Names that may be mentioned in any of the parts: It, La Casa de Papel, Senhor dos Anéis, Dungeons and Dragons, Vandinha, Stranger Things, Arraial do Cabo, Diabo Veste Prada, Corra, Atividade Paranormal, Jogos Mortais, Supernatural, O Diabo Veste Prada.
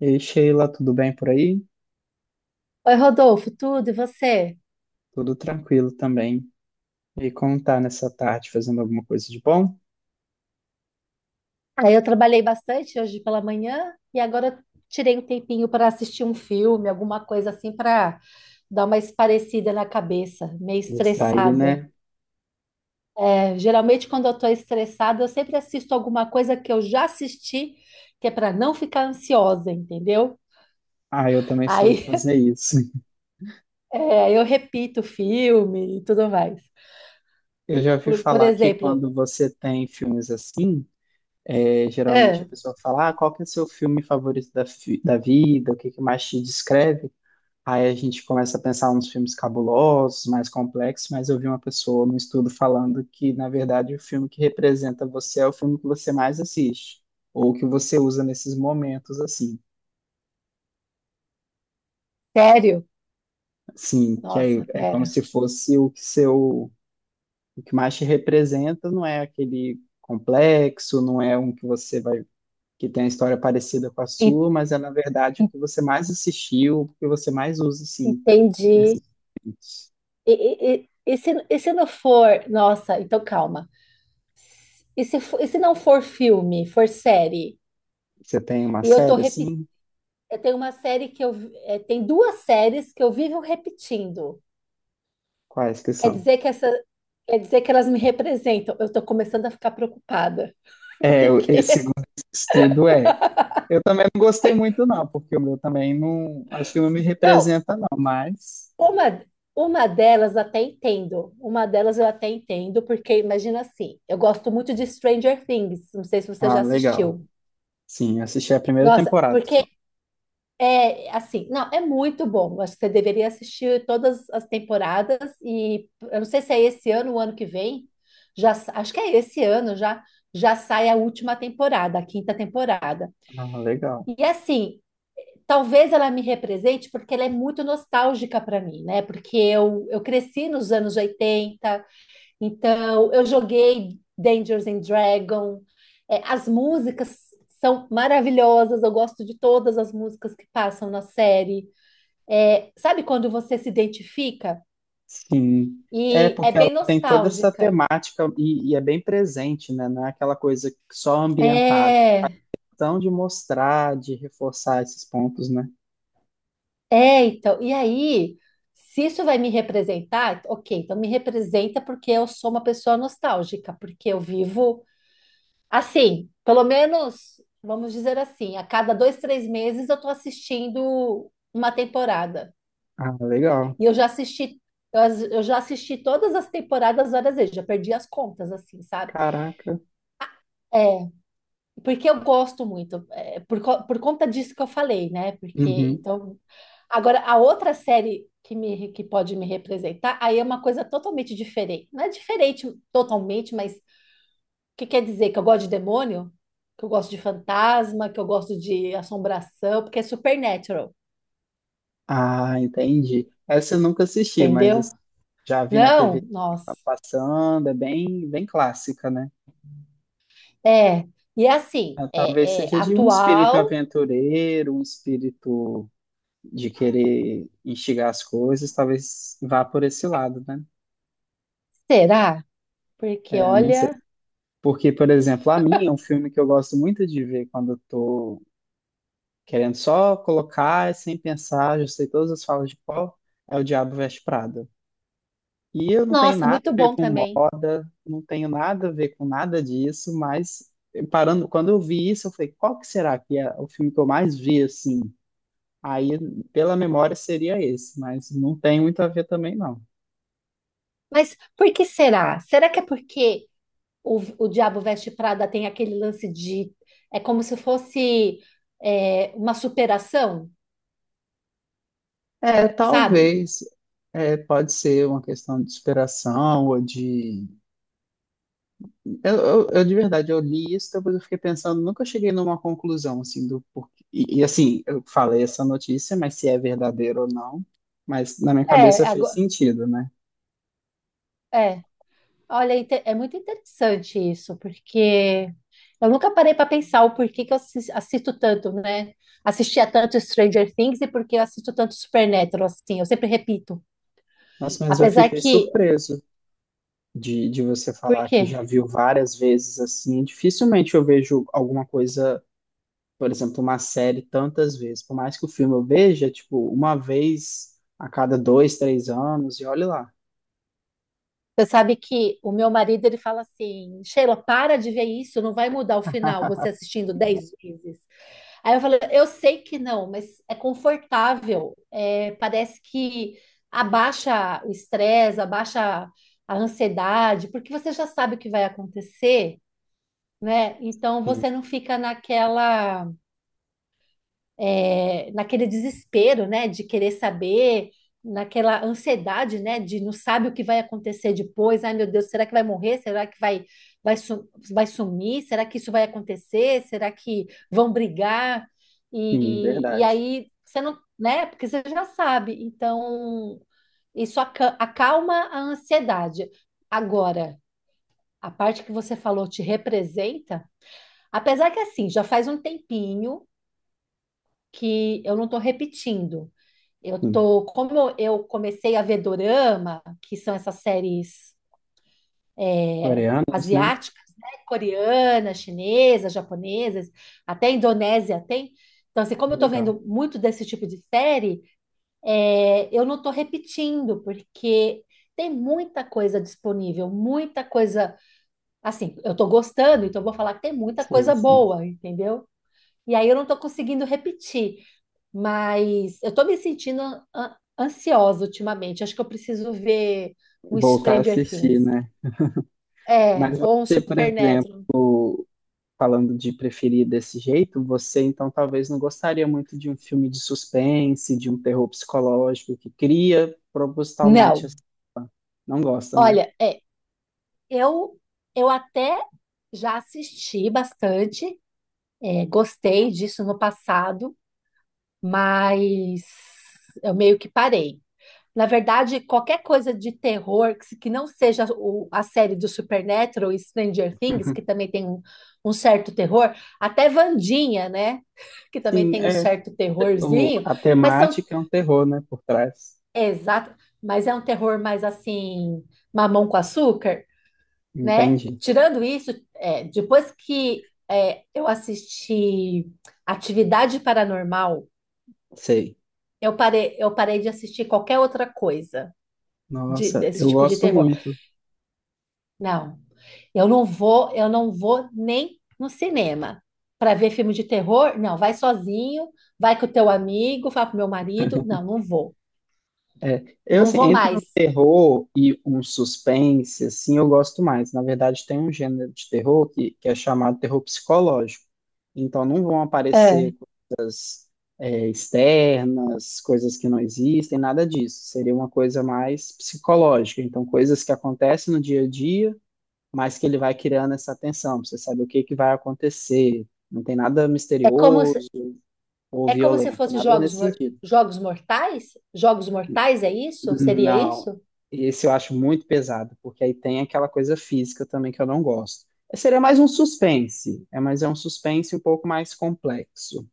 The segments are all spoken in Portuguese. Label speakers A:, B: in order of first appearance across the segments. A: E Sheila, tudo bem por aí?
B: Oi, Rodolfo, tudo e você?
A: Tudo tranquilo também. E como tá nessa tarde, fazendo alguma coisa de bom?
B: Aí eu trabalhei bastante hoje pela manhã e agora eu tirei um tempinho para assistir um filme, alguma coisa assim para dar uma esparecida na cabeça, meio
A: Distrair,
B: estressada.
A: né?
B: É, geralmente quando eu estou estressada, eu sempre assisto alguma coisa que eu já assisti, que é para não ficar ansiosa, entendeu?
A: Ah, eu também sou de
B: Aí
A: fazer isso.
B: é, eu repito o filme e tudo mais.
A: Eu já ouvi
B: Por
A: falar que
B: exemplo,
A: quando você tem filmes assim, geralmente a
B: ah,
A: pessoa fala, ah, qual que é o seu filme favorito da, da vida? O que que mais te descreve? Aí a gente começa a pensar uns filmes cabulosos, mais complexos, mas eu vi uma pessoa num estudo falando que, na verdade, o filme que representa você é o filme que você mais assiste, ou que você usa nesses momentos, assim.
B: sério?
A: Assim, que aí
B: Nossa,
A: é como
B: pera.
A: se fosse o que seu, o que mais te representa, não é aquele complexo, não é um que você vai, que tem uma história parecida com a
B: En-
A: sua, mas é, na verdade, o
B: en-
A: que você mais assistiu, o que você mais usa, assim, nesses
B: Entendi.
A: momentos.
B: E se não for, nossa, então calma. E se, e se não for filme, for série?
A: Você tem uma
B: E eu tô
A: série,
B: repetindo.
A: assim?
B: Tem duas séries que eu vivo repetindo.
A: Quais que
B: Quer
A: são?
B: dizer que essa. Quer dizer que elas me representam. Eu tô começando a ficar preocupada.
A: É, esse
B: Porque.
A: segundo estudo é. Eu também não gostei muito, não, porque o meu também não. Acho que não me
B: Não,
A: representa, não, mas.
B: uma, uma delas até entendo. Uma delas eu até entendo, porque imagina assim, eu gosto muito de Stranger Things. Não sei se você
A: Ah,
B: já
A: legal.
B: assistiu.
A: Sim, assisti a primeira
B: Nossa,
A: temporada só.
B: porque é, assim, não, é muito bom. Acho que você deveria assistir todas as temporadas e eu não sei se é esse ano ou ano que vem. Acho que é esse ano já sai a última temporada, a quinta temporada.
A: Ah, legal.
B: E assim, talvez ela me represente porque ela é muito nostálgica para mim, né? Porque eu cresci nos anos 80, então eu joguei Dungeons and Dragons. É, as músicas são maravilhosas, eu gosto de todas as músicas que passam na série. É, sabe quando você se identifica?
A: Sim. É,
B: E é
A: porque ela
B: bem
A: tem toda essa
B: nostálgica.
A: temática e, é bem presente, né? Não é aquela coisa só ambientada.
B: É,
A: Então, de mostrar, de reforçar esses pontos, né?
B: então. E aí, se isso vai me representar, ok, então me representa porque eu sou uma pessoa nostálgica, porque eu vivo assim, pelo menos, vamos dizer assim, a cada dois, três meses eu estou assistindo uma temporada.
A: Ah, legal.
B: E eu já assisti, eu já assisti todas as temporadas várias vezes, já perdi as contas, assim, sabe?
A: Caraca.
B: É, porque eu gosto muito, é, por conta disso que eu falei, né? Porque,
A: Uhum.
B: então, agora, a outra série que pode me representar, aí é uma coisa totalmente diferente. Não é diferente totalmente, mas o que quer dizer? Que eu gosto de demônio? Que eu gosto de fantasma? Que eu gosto de assombração? Porque é supernatural,
A: Ah, entendi. Essa eu nunca assisti, mas
B: entendeu?
A: já vi na TV
B: Não? Nossa.
A: passando, é bem, bem clássica, né?
B: É, e assim,
A: Ah, talvez
B: é
A: seja de um espírito
B: atual,
A: aventureiro, um espírito de querer instigar as coisas, talvez vá por esse lado, né?
B: será? Porque,
A: É, eu não sei.
B: olha.
A: Porque, por exemplo, a minha é um filme que eu gosto muito de ver quando eu tô querendo só colocar sem pensar, já sei todas as falas de qual é o Diabo Veste Prada. E eu não tenho
B: Nossa,
A: nada
B: muito
A: a ver
B: bom
A: com
B: também.
A: moda, não tenho nada a ver com nada disso, mas parando, quando eu vi isso, eu falei, qual que será que é o filme que eu mais vi assim? Aí, pela memória, seria esse, mas não tem muito a ver também, não.
B: Mas por que será? Será que é porque o Diabo Veste Prada tem aquele lance de. É como se fosse é, uma superação,
A: É,
B: sabe?
A: talvez, é, pode ser uma questão de inspiração ou de eu, de verdade, eu li isso, depois eu fiquei pensando, nunca cheguei numa conclusão, assim, do porquê. Assim, eu falei essa notícia, mas se é verdadeiro ou não, mas na minha
B: É,
A: cabeça fez
B: agora,
A: sentido, né?
B: é. Olha, é muito interessante isso, porque eu nunca parei para pensar o porquê que eu assisto tanto, né? Assistia tanto Stranger Things e porque eu assisto tanto Supernatural, assim, eu sempre repito.
A: Nossa, mas eu
B: Apesar
A: fiquei
B: que.
A: surpreso de, você
B: Por
A: falar
B: quê?
A: que já viu várias vezes, assim, dificilmente eu vejo alguma coisa, por exemplo, uma série tantas vezes, por mais que o filme eu veja, tipo, uma vez a cada dois, três anos, e olha lá.
B: Você sabe que o meu marido ele fala assim, Sheila, para de ver isso, não vai mudar o final, você assistindo dez vezes. Aí eu falei, eu sei que não, mas é confortável, é, parece que abaixa o estresse, abaixa a ansiedade, porque você já sabe o que vai acontecer, né? Então
A: Sim,
B: você não fica naquela é, naquele desespero, né, de querer saber, naquela ansiedade, né, de não sabe o que vai acontecer depois. Ai, meu Deus, será que vai morrer? Será que vai, vai, vai sumir? Será que isso vai acontecer? Será que vão brigar?
A: sim,
B: E
A: verdade.
B: aí você não, né, porque você já sabe. Então, acalma a ansiedade. Agora, a parte que você falou te representa, apesar que assim, já faz um tempinho que eu não estou repetindo. Eu
A: Sim.
B: tô, como eu comecei a ver dorama, que são essas séries é,
A: Coreanos, né?
B: asiáticas, né? Coreana, chinesa, japonesas, até Indonésia tem. Então, assim, como eu tô
A: Legal.
B: vendo muito desse tipo de série, é, eu não tô repetindo, porque tem muita coisa disponível, muita coisa, assim, eu tô gostando, então eu vou falar que tem muita
A: Sim,
B: coisa
A: sim.
B: boa, entendeu? E aí eu não estou conseguindo repetir, mas eu estou me sentindo ansiosa ultimamente. Acho que eu preciso ver um
A: Voltar a
B: Stranger
A: assistir,
B: Things.
A: né?
B: É,
A: Mas
B: ou um
A: você, por exemplo,
B: Supernatural.
A: falando de preferir desse jeito, você então talvez não gostaria muito de um filme de suspense, de um terror psicológico que cria propositalmente,
B: Não,
A: assim. Não gosta, né?
B: olha, é, eu, eu até já assisti bastante, é, gostei disso no passado, mas eu meio que parei. Na verdade, qualquer coisa de terror que não seja a série do Supernatural e Stranger Things, que também tem um, um certo terror, até Vandinha, né? Que também
A: Sim,
B: tem um
A: é.
B: certo
A: O,
B: terrorzinho,
A: a
B: mas são
A: temática é um terror, né? Por trás.
B: exato, mas é um terror mais assim, mamão com açúcar, né?
A: Entendi.
B: Tirando isso, é, depois que é, eu assisti Atividade Paranormal,
A: Sei.
B: eu parei de assistir qualquer outra coisa
A: Nossa,
B: desse
A: eu
B: tipo de
A: gosto
B: terror.
A: muito.
B: Não. Eu não vou nem no cinema para ver filme de terror. Não, vai sozinho, vai com o teu amigo, vai com o meu marido. Não, não vou.
A: É, eu,
B: Não
A: assim,
B: vou
A: entre um
B: mais.
A: terror e um suspense, assim, eu gosto mais. Na verdade, tem um gênero de terror que, é chamado terror psicológico. Então, não vão aparecer,
B: É.
A: é, externas, coisas que não existem, nada disso. Seria uma coisa mais psicológica. Então, coisas que acontecem no dia a dia, mas que ele vai criando essa tensão. Pra você sabe o que que vai acontecer. Não tem nada
B: É como se,
A: misterioso ou
B: é como se
A: violento,
B: fosse
A: nada nesse sentido.
B: jogos mortais? Jogos mortais é isso? Seria
A: Não,
B: isso?
A: esse eu acho muito pesado, porque aí tem aquela coisa física também que eu não gosto. Seria mais um suspense, é, mas é um suspense um pouco mais complexo.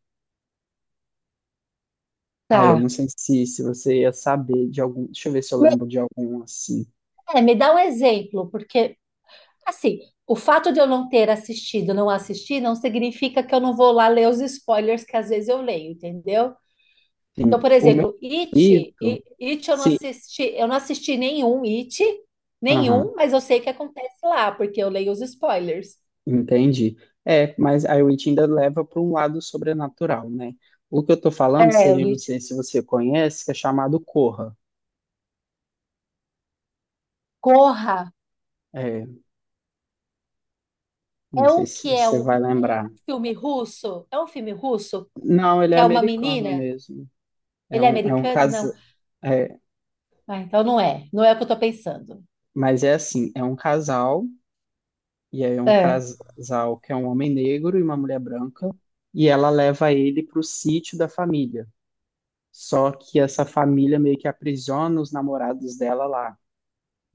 A: Ah, eu
B: Tá.
A: não sei se, se você ia saber de algum. Deixa eu ver se eu
B: Me
A: lembro de algum assim.
B: É, me dá um exemplo, porque assim, o fato de eu não ter assistido, não assistir, não significa que eu não vou lá ler os spoilers que às vezes eu leio, entendeu? Então,
A: Sim.
B: por
A: O meu
B: exemplo, It,
A: favorito.
B: It
A: Sim,
B: eu não assisti nenhum It,
A: aham,
B: nenhum, mas eu sei o que acontece lá, porque eu leio os spoilers.
A: entendi. É, mas a Witch ainda leva para um lado sobrenatural, né? O que eu tô falando
B: É, o
A: seria, não
B: It.
A: sei se você conhece, que é chamado Corra.
B: Corra
A: É, não
B: é
A: sei
B: um
A: se
B: que é
A: você
B: um
A: vai lembrar.
B: filme russo, é um filme russo
A: Não, ele
B: que
A: é
B: é uma
A: americano
B: menina,
A: mesmo.
B: ele é
A: É um
B: americano?
A: casal.
B: Não.
A: É,
B: Ah, então não é, não é o que eu tô pensando.
A: mas é assim, é um casal, e aí é um
B: É,
A: casal que é um homem negro e uma mulher branca, e ela leva ele para o sítio da família. Só que essa família meio que aprisiona os namorados dela lá.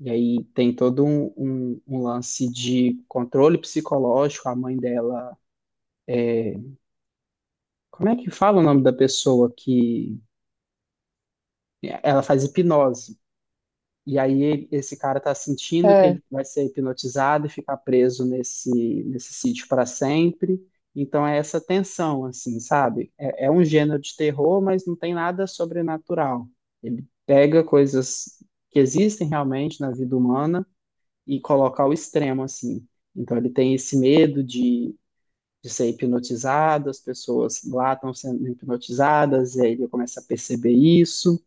A: E aí tem todo um, um lance de controle psicológico. A mãe dela. Como é que fala o nome da pessoa que. Ela faz hipnose. E aí esse cara tá sentindo que
B: é.
A: ele vai ser hipnotizado e ficar preso nesse sítio para sempre. Então é essa tensão, assim, sabe? É, é um gênero de terror, mas não tem nada sobrenatural. Ele pega coisas que existem realmente na vida humana e coloca ao extremo, assim. Então ele tem esse medo de ser hipnotizado, as pessoas lá estão sendo hipnotizadas, e aí ele começa a perceber isso.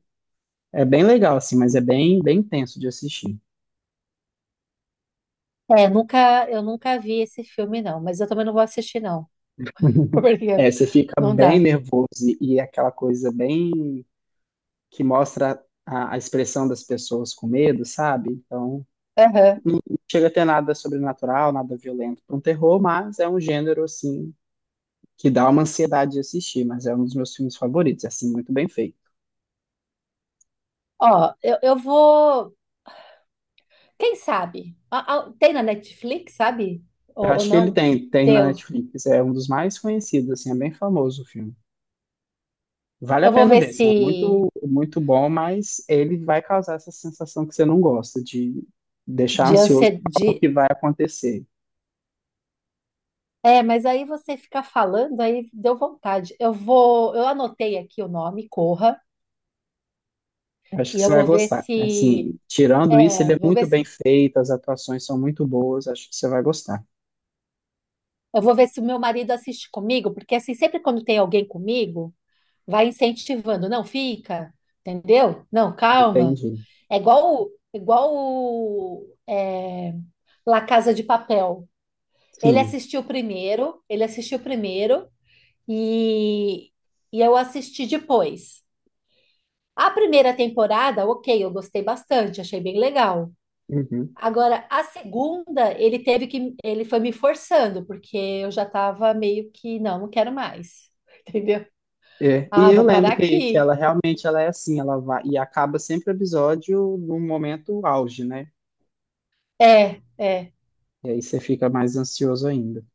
A: É bem legal, assim, mas é bem, bem tenso de assistir.
B: É, nunca, eu nunca vi esse filme, não, mas eu também não vou assistir, não, porque
A: É, você fica
B: não
A: bem
B: dá.
A: nervoso e, é aquela coisa bem que mostra a expressão das pessoas com medo, sabe? Então,
B: Aham.
A: não chega a ter nada sobrenatural, nada violento para um terror, mas é um gênero, assim, que dá uma ansiedade de assistir, mas é um dos meus filmes favoritos, é, assim, muito bem feito.
B: Ó, eu vou. Quem sabe? Tem na Netflix, sabe?
A: Eu
B: Ou
A: acho que ele
B: não?
A: tem, tem na
B: Teu.
A: Netflix, é um dos mais conhecidos, assim, é bem famoso o filme. Vale a
B: Eu vou
A: pena
B: ver
A: ver, assim, é
B: se
A: muito, muito bom, mas ele vai causar essa sensação que você não gosta, de deixar
B: de
A: ansioso por algo
B: ansiedade.
A: que vai acontecer.
B: É, mas aí você ficar falando, aí deu vontade. Eu vou, eu anotei aqui o nome, Corra,
A: Eu acho que
B: e eu
A: você vai
B: vou ver
A: gostar.
B: se,
A: Assim, tirando isso, ele
B: é,
A: é
B: vou ver
A: muito
B: se,
A: bem feito, as atuações são muito boas, acho que você vai gostar.
B: eu vou ver se o meu marido assiste comigo, porque assim, sempre quando tem alguém comigo, vai incentivando, não fica, entendeu? Não, calma.
A: Entendi.
B: É igual, igual o, é, La Casa de Papel.
A: Sim.
B: Ele assistiu primeiro e, e eu assisti depois. A primeira temporada, ok, eu gostei bastante, achei bem legal.
A: Uhum.
B: Agora, a segunda, ele teve que, ele foi me forçando, porque eu já estava meio que, não, não quero mais, entendeu?
A: É, e
B: Ah,
A: eu
B: vou
A: lembro
B: parar
A: que
B: aqui.
A: ela realmente ela é assim, ela vai e acaba sempre o episódio num momento auge, né?
B: É, é,
A: E aí você fica mais ansioso ainda.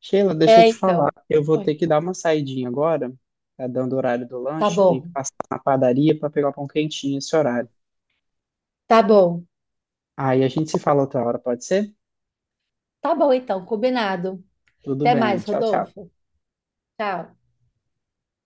A: Sheila, deixa eu te falar,
B: então.
A: eu vou ter
B: Oi,
A: que dar uma saidinha agora, tá dando o horário do
B: tá
A: lanche, tem que
B: bom,
A: passar na padaria para pegar o pão quentinho esse horário.
B: tá bom,
A: Aí a gente se fala outra hora, pode ser?
B: tá bom, então, combinado.
A: Tudo
B: Até
A: bem,
B: mais,
A: tchau, tchau.
B: Rodolfo. Tchau.